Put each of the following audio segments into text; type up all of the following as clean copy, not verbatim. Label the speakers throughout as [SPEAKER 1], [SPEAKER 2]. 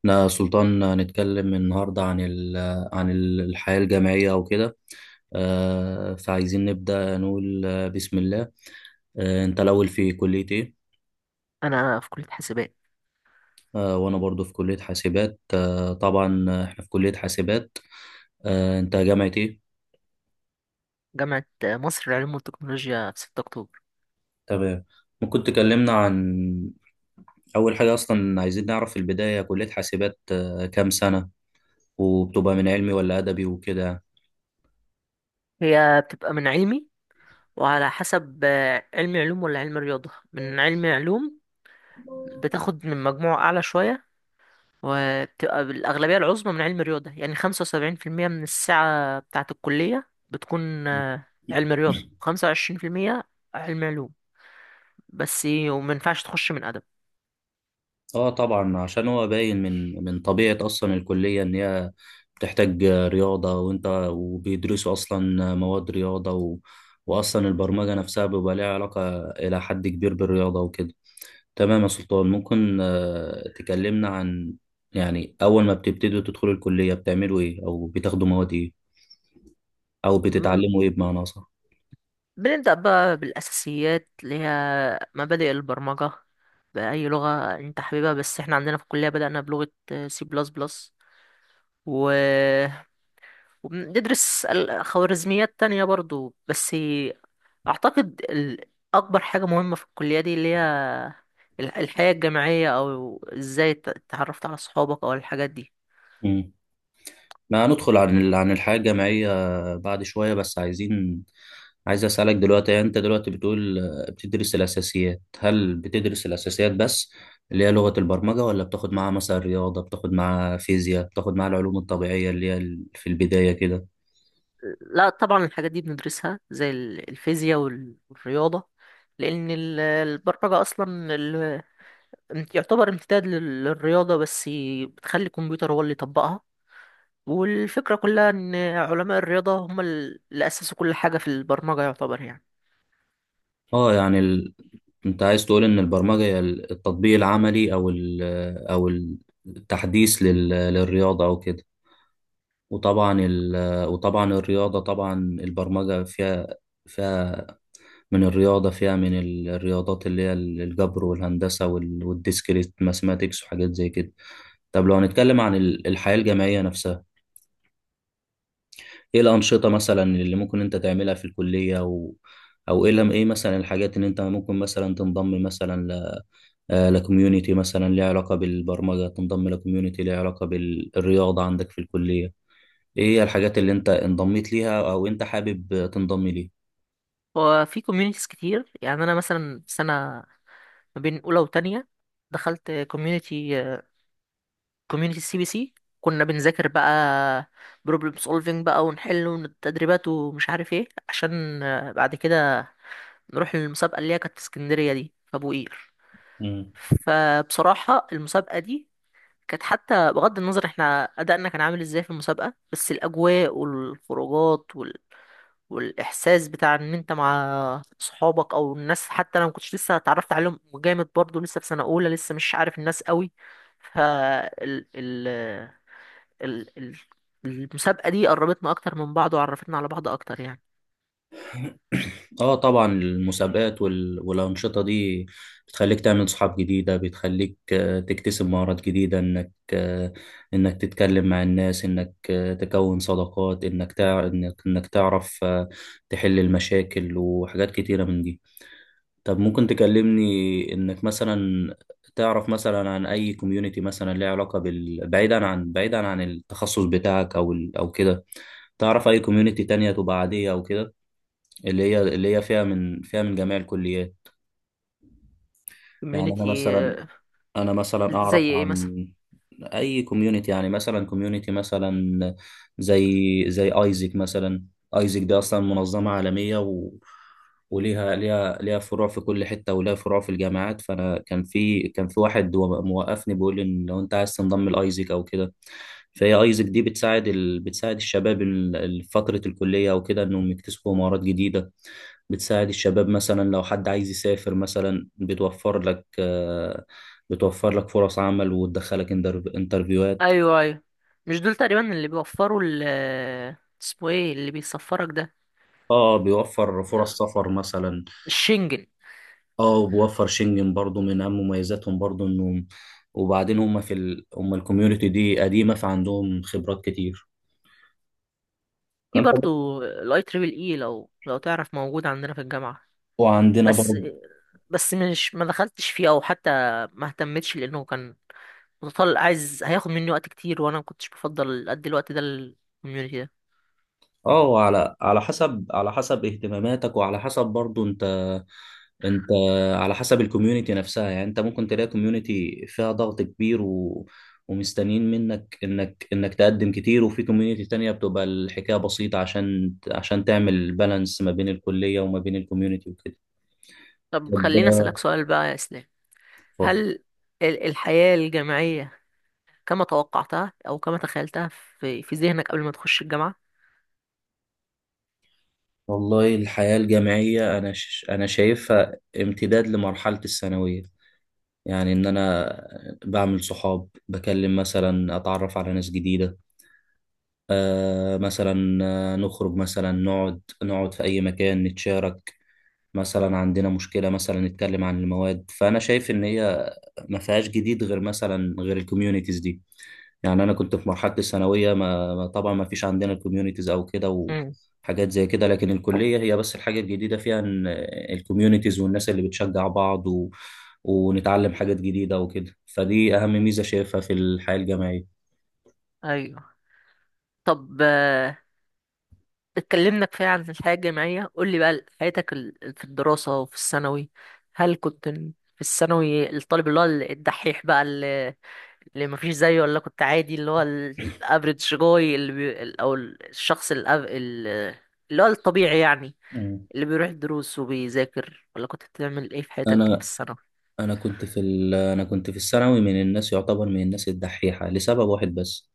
[SPEAKER 1] احنا سلطان هنتكلم النهاردة عن الحياة الجامعية وكده. فعايزين نبدأ نقول بسم الله. انت الأول في كلية ايه؟
[SPEAKER 2] انا في كليه حاسبات
[SPEAKER 1] وانا برضو في كلية حاسبات، طبعا، احنا في كلية حاسبات. انت جامعة ايه؟
[SPEAKER 2] جامعه مصر للعلوم والتكنولوجيا في 6 اكتوبر.
[SPEAKER 1] تمام. ممكن تكلمنا عن أول حاجة، أصلا عايزين نعرف في البداية كلية حاسبات كام سنة، وبتبقى من علمي ولا أدبي وكده يعني.
[SPEAKER 2] هي بتبقى من علمي، وعلى حسب علم علوم ولا علم رياضه. من علم علوم بتاخد من مجموع اعلى شويه، وبتبقى الاغلبيه العظمى من علم رياضه، يعني 75% من الساعه بتاعه الكليه بتكون علم رياضه، 25% علم علوم بس. ومينفعش تخش من
[SPEAKER 1] اه طبعا، عشان هو باين من طبيعة اصلا الكلية ان هي بتحتاج رياضة، وبيدرسوا اصلا مواد رياضة واصلا البرمجة نفسها بيبقى ليها علاقة الى حد كبير بالرياضة وكده. تمام يا سلطان، ممكن تكلمنا عن، يعني اول ما بتبتدوا تدخلوا الكلية بتعملوا ايه، او بتاخدوا مواد ايه، او
[SPEAKER 2] ادب.
[SPEAKER 1] بتتعلموا ايه بمعنى اصح؟
[SPEAKER 2] بنبدأ بقى بالأساسيات اللي هي مبادئ البرمجة، بأي لغة أنت حاببها، بس إحنا عندنا في الكلية بدأنا بلغة سي بلس بلس و... وبندرس خوارزميات تانية برضو. بس أعتقد أكبر حاجة مهمة في الكلية دي اللي هي الحياة الجامعية، أو إزاي اتعرفت على صحابك أو الحاجات دي.
[SPEAKER 1] ما هندخل عن الحياة الجامعية بعد شوية، بس عايزين، عايز أسألك دلوقتي، يعني أنت دلوقتي بتقول بتدرس الأساسيات. هل بتدرس الأساسيات بس اللي هي لغة البرمجة، ولا بتاخد معاها مثلا رياضة، بتاخد معاها فيزياء، بتاخد معاها العلوم الطبيعية اللي هي في البداية كده؟
[SPEAKER 2] لا طبعا، الحاجات دي بندرسها زي الفيزياء والرياضة، لأن البرمجة أصلا انت يعتبر امتداد للرياضة، بس بتخلي الكمبيوتر هو اللي يطبقها. والفكرة كلها ان علماء الرياضة هم اللي اسسوا كل حاجة في البرمجة يعتبر يعني.
[SPEAKER 1] اه يعني أنت عايز تقول إن البرمجة هي التطبيق العملي، أو التحديث للرياضة أو كده. وطبعا ال... وطبعا الرياضة، طبعا البرمجة فيها من الرياضة، فيها من الرياضات اللي هي الجبر والهندسة وال- والديسكريت ماثماتيكس وحاجات زي كده. طب لو هنتكلم عن الحياة الجامعية نفسها، ايه الأنشطة مثلا اللي ممكن انت تعملها في الكلية، او ايه لم- ايه مثلا الحاجات اللي انت ممكن مثلا تنضم مثلا ل آه، لكوميونيتي مثلا ليها علاقة بالبرمجة، تنضم لكوميونيتي ليها علاقة بالرياضة عندك في الكلية؟ ايه هي الحاجات اللي انت انضميت ليها او انت حابب تنضم
[SPEAKER 2] وفي كوميونيتيز كتير. يعني انا مثلا سنة ما بين اولى وتانية، دخلت كوميونيتي، كوميونيتي سي بي سي. كنا بنذاكر بقى بروبلم سولفينج بقى، ونحل والتدريبات ومش عارف ايه، عشان بعد كده نروح للمسابقة اللي هي كانت في اسكندرية، دي في ابو قير.
[SPEAKER 1] ليها؟
[SPEAKER 2] فبصراحة المسابقة دي كانت، حتى بغض النظر احنا ادائنا كان عامل ازاي في المسابقة، بس الاجواء والخروجات والاحساس بتاع ان انت مع صحابك او الناس، حتى انا ما كنتش لسه اتعرفت عليهم جامد، برضو لسه في سنة اولى، لسه مش عارف الناس قوي. ف ال... ال... ال... ال... المسابقة دي قربتنا اكتر من بعض، وعرفتنا على بعض اكتر يعني.
[SPEAKER 1] اه طبعا المسابقات وال... والأنشطة دي بتخليك تعمل صحاب جديدة، بتخليك تكتسب مهارات جديدة، انك تتكلم مع الناس، انك آه، تكون صداقات، انك تع... انك انك تعرف تحل المشاكل وحاجات كتيرة من دي. طب ممكن تكلمني انك مثلا تعرف مثلا عن اي كوميونتي مثلا ليها علاقة بعيدا عن التخصص بتاعك، او كده. تعرف اي كوميونتي تانية تبقى عادية او كده، اللي هي فيها من جميع الكليات؟ يعني انا
[SPEAKER 2] كوميونيتي؟
[SPEAKER 1] مثلا انا مثلا اعرف
[SPEAKER 2] زي ايه مثلا؟
[SPEAKER 1] عن اي كوميونتي، يعني مثلا كوميونتي مثلا زي ايزك مثلا. ايزك دي اصلا منظمه عالميه، و... وليها ليها ليها فروع في كل حته، وليها فروع في الجامعات. فانا كان في واحد هو موقفني بيقول لي ان لو انت عايز تنضم لايزك او كده. فهي ايزك دي بتساعد الشباب فتره الكليه او كده انهم يكتسبوا مهارات جديده. بتساعد الشباب، مثلا لو حد عايز يسافر مثلا بتوفر لك فرص عمل، وتدخلك انترفيوهات.
[SPEAKER 2] ايوه، ايوه، مش دول تقريبا اللي بيوفروا اسمه ايه اللي بيسفرك ده؟
[SPEAKER 1] اه، بيوفر فرص سفر مثلا.
[SPEAKER 2] الشنجن.
[SPEAKER 1] اه، وبيوفر شنجن برضو. من اهم مميزاتهم برضو انهم، وبعدين هم الكوميونتي دي قديمة فعندهم خبرات كتير،
[SPEAKER 2] في
[SPEAKER 1] فانت.
[SPEAKER 2] برضو الاي تريبل اي، لو تعرف، موجود عندنا في الجامعة.
[SPEAKER 1] وعندنا
[SPEAKER 2] بس
[SPEAKER 1] برضو.
[SPEAKER 2] بس مش ما دخلتش فيه، او حتى ما اهتمتش لانه كان متطلع، عايز هياخد مني وقت كتير، وانا ما كنتش بفضل ادي الوقت ده للكوميونتي ده.
[SPEAKER 1] اه، على حسب اهتماماتك، وعلى حسب برضو انت على حسب الكوميونتي نفسها. يعني انت ممكن تلاقي كوميونتي فيها ضغط كبير و... ومستنيين منك انك تقدم كتير، وفي كوميونتي تانية بتبقى الحكاية بسيطة، عشان تعمل بالانس ما بين الكلية وما بين الكوميونتي وكده.
[SPEAKER 2] طب خليني
[SPEAKER 1] طب،
[SPEAKER 2] اسالك سؤال بقى يا اسلام.
[SPEAKER 1] اتفضل.
[SPEAKER 2] هل الحياة الجامعية كما توقعتها او كما تخيلتها في ذهنك قبل ما تخش الجامعة؟
[SPEAKER 1] والله الحياة الجامعية انا شايفها امتداد لمرحلة الثانوية. يعني ان انا بعمل صحاب، بكلم مثلا، اتعرف على ناس جديدة، مثلا، نخرج مثلا نقعد في أي مكان، نتشارك مثلا عندنا مشكلة، مثلا نتكلم عن المواد. فأنا شايف إن هي ما فيهاش جديد غير الكوميونيتيز دي. يعني أنا كنت في مرحلة الثانوية، طبعا ما فيش عندنا الكوميونيتيز أو كده
[SPEAKER 2] امم.
[SPEAKER 1] وحاجات زي كده، لكن الكلية هي بس الحاجة الجديدة فيها إن الكوميونيتيز والناس اللي بتشجع بعض و... ونتعلم حاجات جديدة وكده، فدي أهم ميزة شايفها في الحياة الجامعية.
[SPEAKER 2] ايوه. طب، اتكلمنا كفاية عن الحياة الجامعية. قول لي بقى حياتك في الدراسة وفي الثانوي. هل كنت في الثانوي الطالب اللي هو الدحيح بقى، اللي مفيش زيه، ولا كنت عادي اللي هو الافريج جوي، اللي بي... ال- او ال- الشخص الأف... ال- اللي هو الطبيعي يعني،
[SPEAKER 1] مم.
[SPEAKER 2] اللي بيروح الدروس وبيذاكر، ولا كنت بتعمل ايه في حياتك في
[SPEAKER 1] أنا
[SPEAKER 2] الثانوي؟
[SPEAKER 1] انا كنت في ال... انا كنت في الثانوي من الناس، يعتبر من الناس الدحيحه لسبب واحد بس،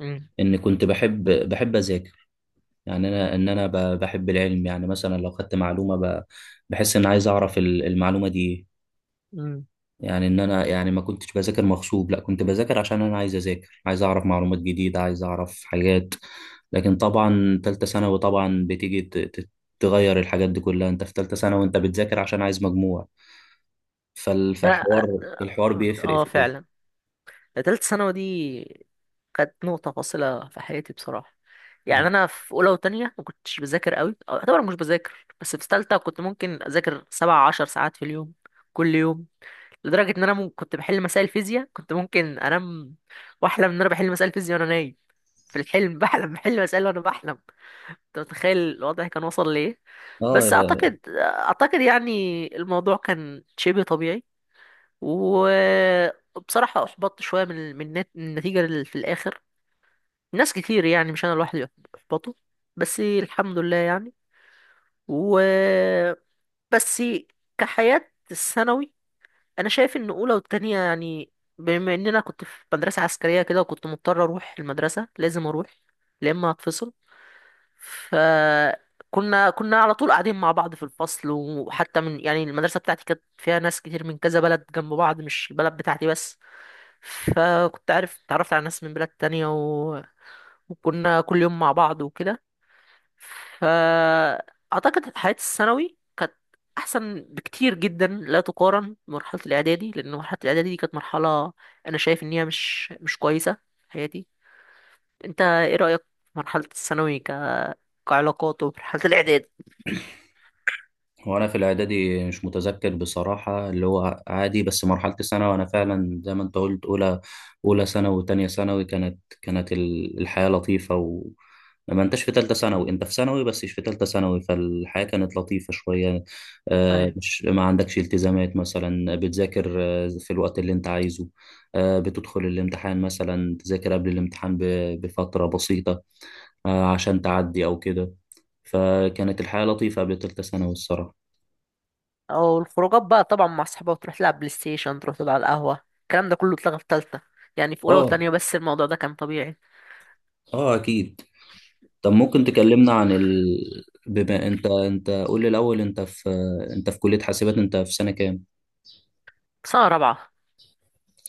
[SPEAKER 2] امم.
[SPEAKER 1] ان كنت بحب اذاكر. يعني انا بحب العلم، يعني مثلا لو خدت معلومه بحس ان عايز اعرف المعلومه دي إيه.
[SPEAKER 2] امم.
[SPEAKER 1] يعني ان انا، يعني ما كنتش بذاكر مغصوب، لا كنت بذاكر عشان انا عايز اذاكر، عايز اعرف معلومات جديده، عايز اعرف حاجات. لكن طبعا تالتة ثانوي طبعا بتيجي تغير الحاجات دي كلها، انت في تالتة ثانوي وانت بتذاكر عشان عايز مجموع.
[SPEAKER 2] اه آه،
[SPEAKER 1] فالحوار
[SPEAKER 2] آه،
[SPEAKER 1] بيفرق
[SPEAKER 2] آه،
[SPEAKER 1] في كده.
[SPEAKER 2] فعلا. تالتة ثانوي دي كانت نقطة فاصلة في حياتي بصراحة. يعني أنا في أولى وتانية ما كنتش بذاكر قوي، أو أعتبر مش بذاكر. بس في تالتة كنت ممكن أذاكر 17 ساعات في اليوم، كل يوم. لدرجة إن أنا كنت بحل مسائل فيزياء، كنت ممكن أنام وأحلم إن أنا بحل مسائل فيزياء وأنا نايم. في الحلم بحلم بحل مسائل وأنا بحلم. أنت متخيل الوضع كان وصل لإيه؟ بس
[SPEAKER 1] اه
[SPEAKER 2] أعتقد يعني الموضوع كان شبه طبيعي. وبصراحة أحبطت شوية من النتيجة اللي في الآخر. ناس كتير، يعني مش أنا لوحدي اللي أحبطوا. بس الحمد لله يعني. و بس كحياة الثانوي، أنا شايف إن أولى والتانية يعني، بما إن أنا كنت في مدرسة عسكرية كده، وكنت مضطر أروح المدرسة، لازم أروح يا إما هتفصل، فكنا على طول قاعدين مع بعض في الفصل. وحتى من، يعني المدرسة بتاعتي كانت فيها ناس كتير من كذا بلد جنب بعض، مش البلد بتاعتي بس. فكنت عارف اتعرفت على ناس من بلاد تانية، وكنا كل يوم مع بعض وكده. فأعتقد حياة الثانوي كانت أحسن بكتير جدا، لا تقارن بمرحلة الإعدادي، لأن مرحلة الإعدادي دي كانت مرحلة أنا شايف إن هي مش كويسة في حياتي. أنت إيه رأيك في مرحلة الثانوي كعلاقات ومرحلة الإعدادي؟
[SPEAKER 1] وانا في الاعدادي مش متذكر بصراحه، اللي هو عادي، بس مرحله الثانوي وانا فعلا زي ما انت قلت. اولى ثانوي وتانية ثانوي كانت الحياه لطيفه، ما انتش في ثالثه ثانوي، انت في ثانوي بس مش في ثالثه ثانوي، فالحياه كانت لطيفه شويه.
[SPEAKER 2] أيوة.
[SPEAKER 1] مش ما عندكش التزامات، مثلا بتذاكر في الوقت اللي انت عايزه، بتدخل الامتحان، مثلا تذاكر قبل الامتحان بفتره بسيطه عشان تعدي أو كده. فكانت الحياة لطيفة قبل تالتة ثانوي الصراحة.
[SPEAKER 2] أو الخروجات بقى طبعا، مع أصحابك تروح تلعب بلاي ستيشن، تروح تقعد على القهوة، الكلام ده كله اتلغى في تالتة. يعني في أولى
[SPEAKER 1] اه
[SPEAKER 2] وتانية بس، الموضوع ده كان طبيعي.
[SPEAKER 1] اه أكيد. طب ممكن تكلمنا بما انت قول لي الاول، انت في كلية حاسبات، انت في سنة كام؟
[SPEAKER 2] سنة رابعة.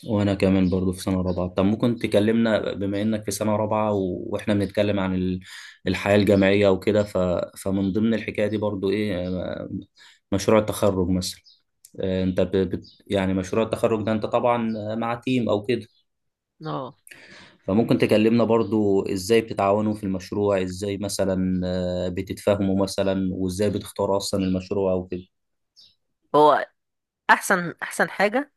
[SPEAKER 1] وانا كمان برضو في سنة رابعة. طب ممكن تكلمنا بما انك في سنة رابعة و... واحنا بنتكلم عن الحياة الجامعية وكده، فمن ضمن الحكاية دي برضو ايه، مشروع التخرج مثلا. انت يعني مشروع التخرج ده انت طبعا مع تيم او كده،
[SPEAKER 2] اه.
[SPEAKER 1] فممكن تكلمنا برضو ازاي بتتعاونوا في المشروع، ازاي مثلا بتتفاهموا مثلا، وازاي بتختاروا اصلا المشروع او كده.
[SPEAKER 2] هو احسن حاجه،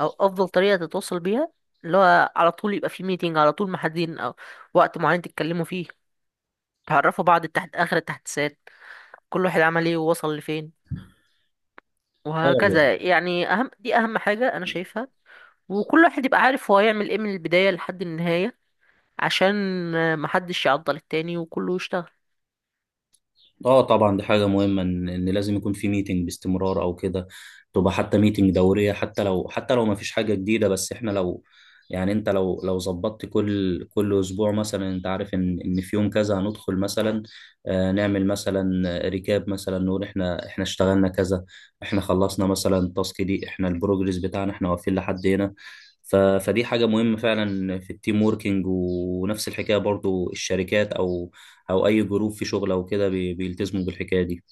[SPEAKER 2] او افضل طريقه تتواصل بيها، اللي هو على طول يبقى في ميتنج، على طول محددين او وقت معين تتكلموا فيه، تعرفوا بعض تحت اخر التحديثات، كل واحد عمل ايه ووصل لفين،
[SPEAKER 1] اه
[SPEAKER 2] وهكذا يعني. اهم، دي اهم حاجه انا شايفها. وكل واحد يبقى عارف هو هيعمل ايه من البدايه لحد النهايه، عشان محدش يعضل التاني وكله يشتغل.
[SPEAKER 1] اه طبعا دي حاجة مهمة، إن لازم يكون في ميتنج باستمرار او كده، تبقى حتى ميتنج دورية، حتى لو ما فيش حاجة جديدة. بس احنا لو، يعني انت لو ظبطت كل اسبوع مثلا، انت عارف ان في يوم كذا هندخل مثلا نعمل مثلا ريكاب، مثلا نقول احنا اشتغلنا كذا، احنا خلصنا مثلا التاسك دي، احنا البروجرس بتاعنا احنا واقفين لحد هنا. فدي حاجة مهمة فعلا في التيم ووركينج، ونفس الحكاية برضو الشركات او اي جروب في شغل او كده بيلتزموا بالحكايه دي.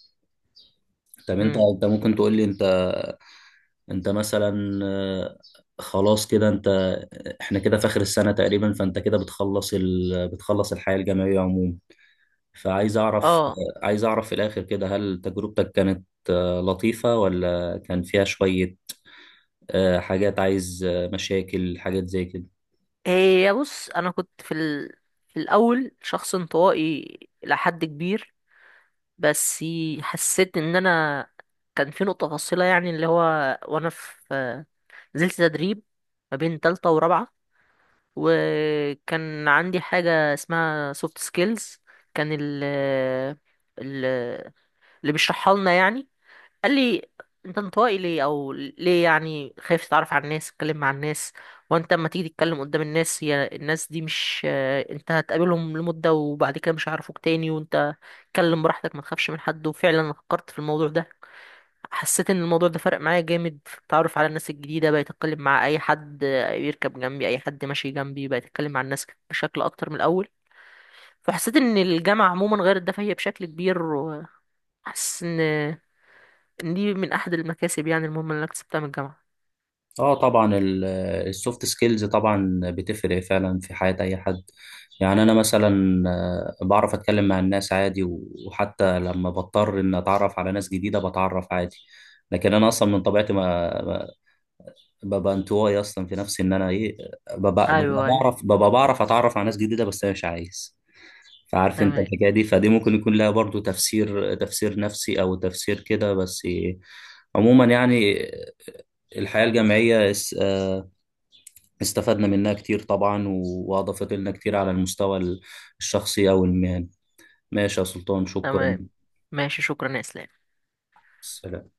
[SPEAKER 1] طب انت
[SPEAKER 2] امم.
[SPEAKER 1] انت ممكن تقول لي، انت مثلا خلاص كده، احنا كده في اخر السنه تقريبا، فانت كده بتخلص الحياه الجامعيه عموما. فعايز اعرف
[SPEAKER 2] اه.
[SPEAKER 1] آه، عايز اعرف في الاخر كده، هل تجربتك كانت لطيفه، ولا كان فيها شويه حاجات، عايز مشاكل، حاجات زي كده؟
[SPEAKER 2] هي بص، انا كنت في الاول شخص انطوائي لحد كبير، بس حسيت ان انا كان في نقطة فاصلة، يعني اللي هو وانا في، نزلت تدريب ما بين تالتة ورابعة، وكان عندي حاجة اسمها سوفت سكيلز. كان ال ال- اللي بيشرحها لنا يعني قال لي: انت انطوائي ليه، او ليه يعني خايف تتعرف على الناس، تتكلم مع الناس؟ وانت اما تيجي تتكلم قدام الناس، هي الناس دي، مش انت هتقابلهم لمدة وبعد كده مش هيعرفوك تاني، وانت اتكلم براحتك، ما تخافش من حد. وفعلا أنا فكرت في الموضوع ده. حسيت ان الموضوع ده فرق معايا جامد في التعرف على الناس الجديده، بقيت اتكلم مع اي حد بيركب جنبي، اي حد ماشي جنبي بقيت اتكلم مع الناس بشكل اكتر من الاول. فحسيت ان الجامعه عموما غير ده فهي بشكل كبير. وحاسس ان دي من احد المكاسب، يعني المهمه اللي انا اكتسبتها من الجامعه.
[SPEAKER 1] اه طبعا السوفت سكيلز طبعا بتفرق فعلا في حياة اي حد. يعني انا مثلا بعرف اتكلم مع الناس عادي، و- وحتى لما بضطر ان اتعرف على ناس جديدة بتعرف عادي. لكن انا اصلا من طبيعتي ما- ببقى انطوائي، اصلا في نفسي ان انا ايه، ببقى, ببقى
[SPEAKER 2] ايوه، ايوه.
[SPEAKER 1] بعرف ببقى بعرف اتعرف على ناس جديدة، بس انا مش عايز. فعارف انت
[SPEAKER 2] تمام،
[SPEAKER 1] الحكاية دي، فدي ممكن يكون لها برضو تفسير نفسي او تفسير كده بس. عموما يعني الحياة الجامعية استفدنا منها كتير طبعا، و- وأضافت لنا كتير على المستوى الشخصي أو المهني. ماشي يا سلطان، شكرا.
[SPEAKER 2] تمام. ماشي، شكرا يا اسلام.
[SPEAKER 1] سلام.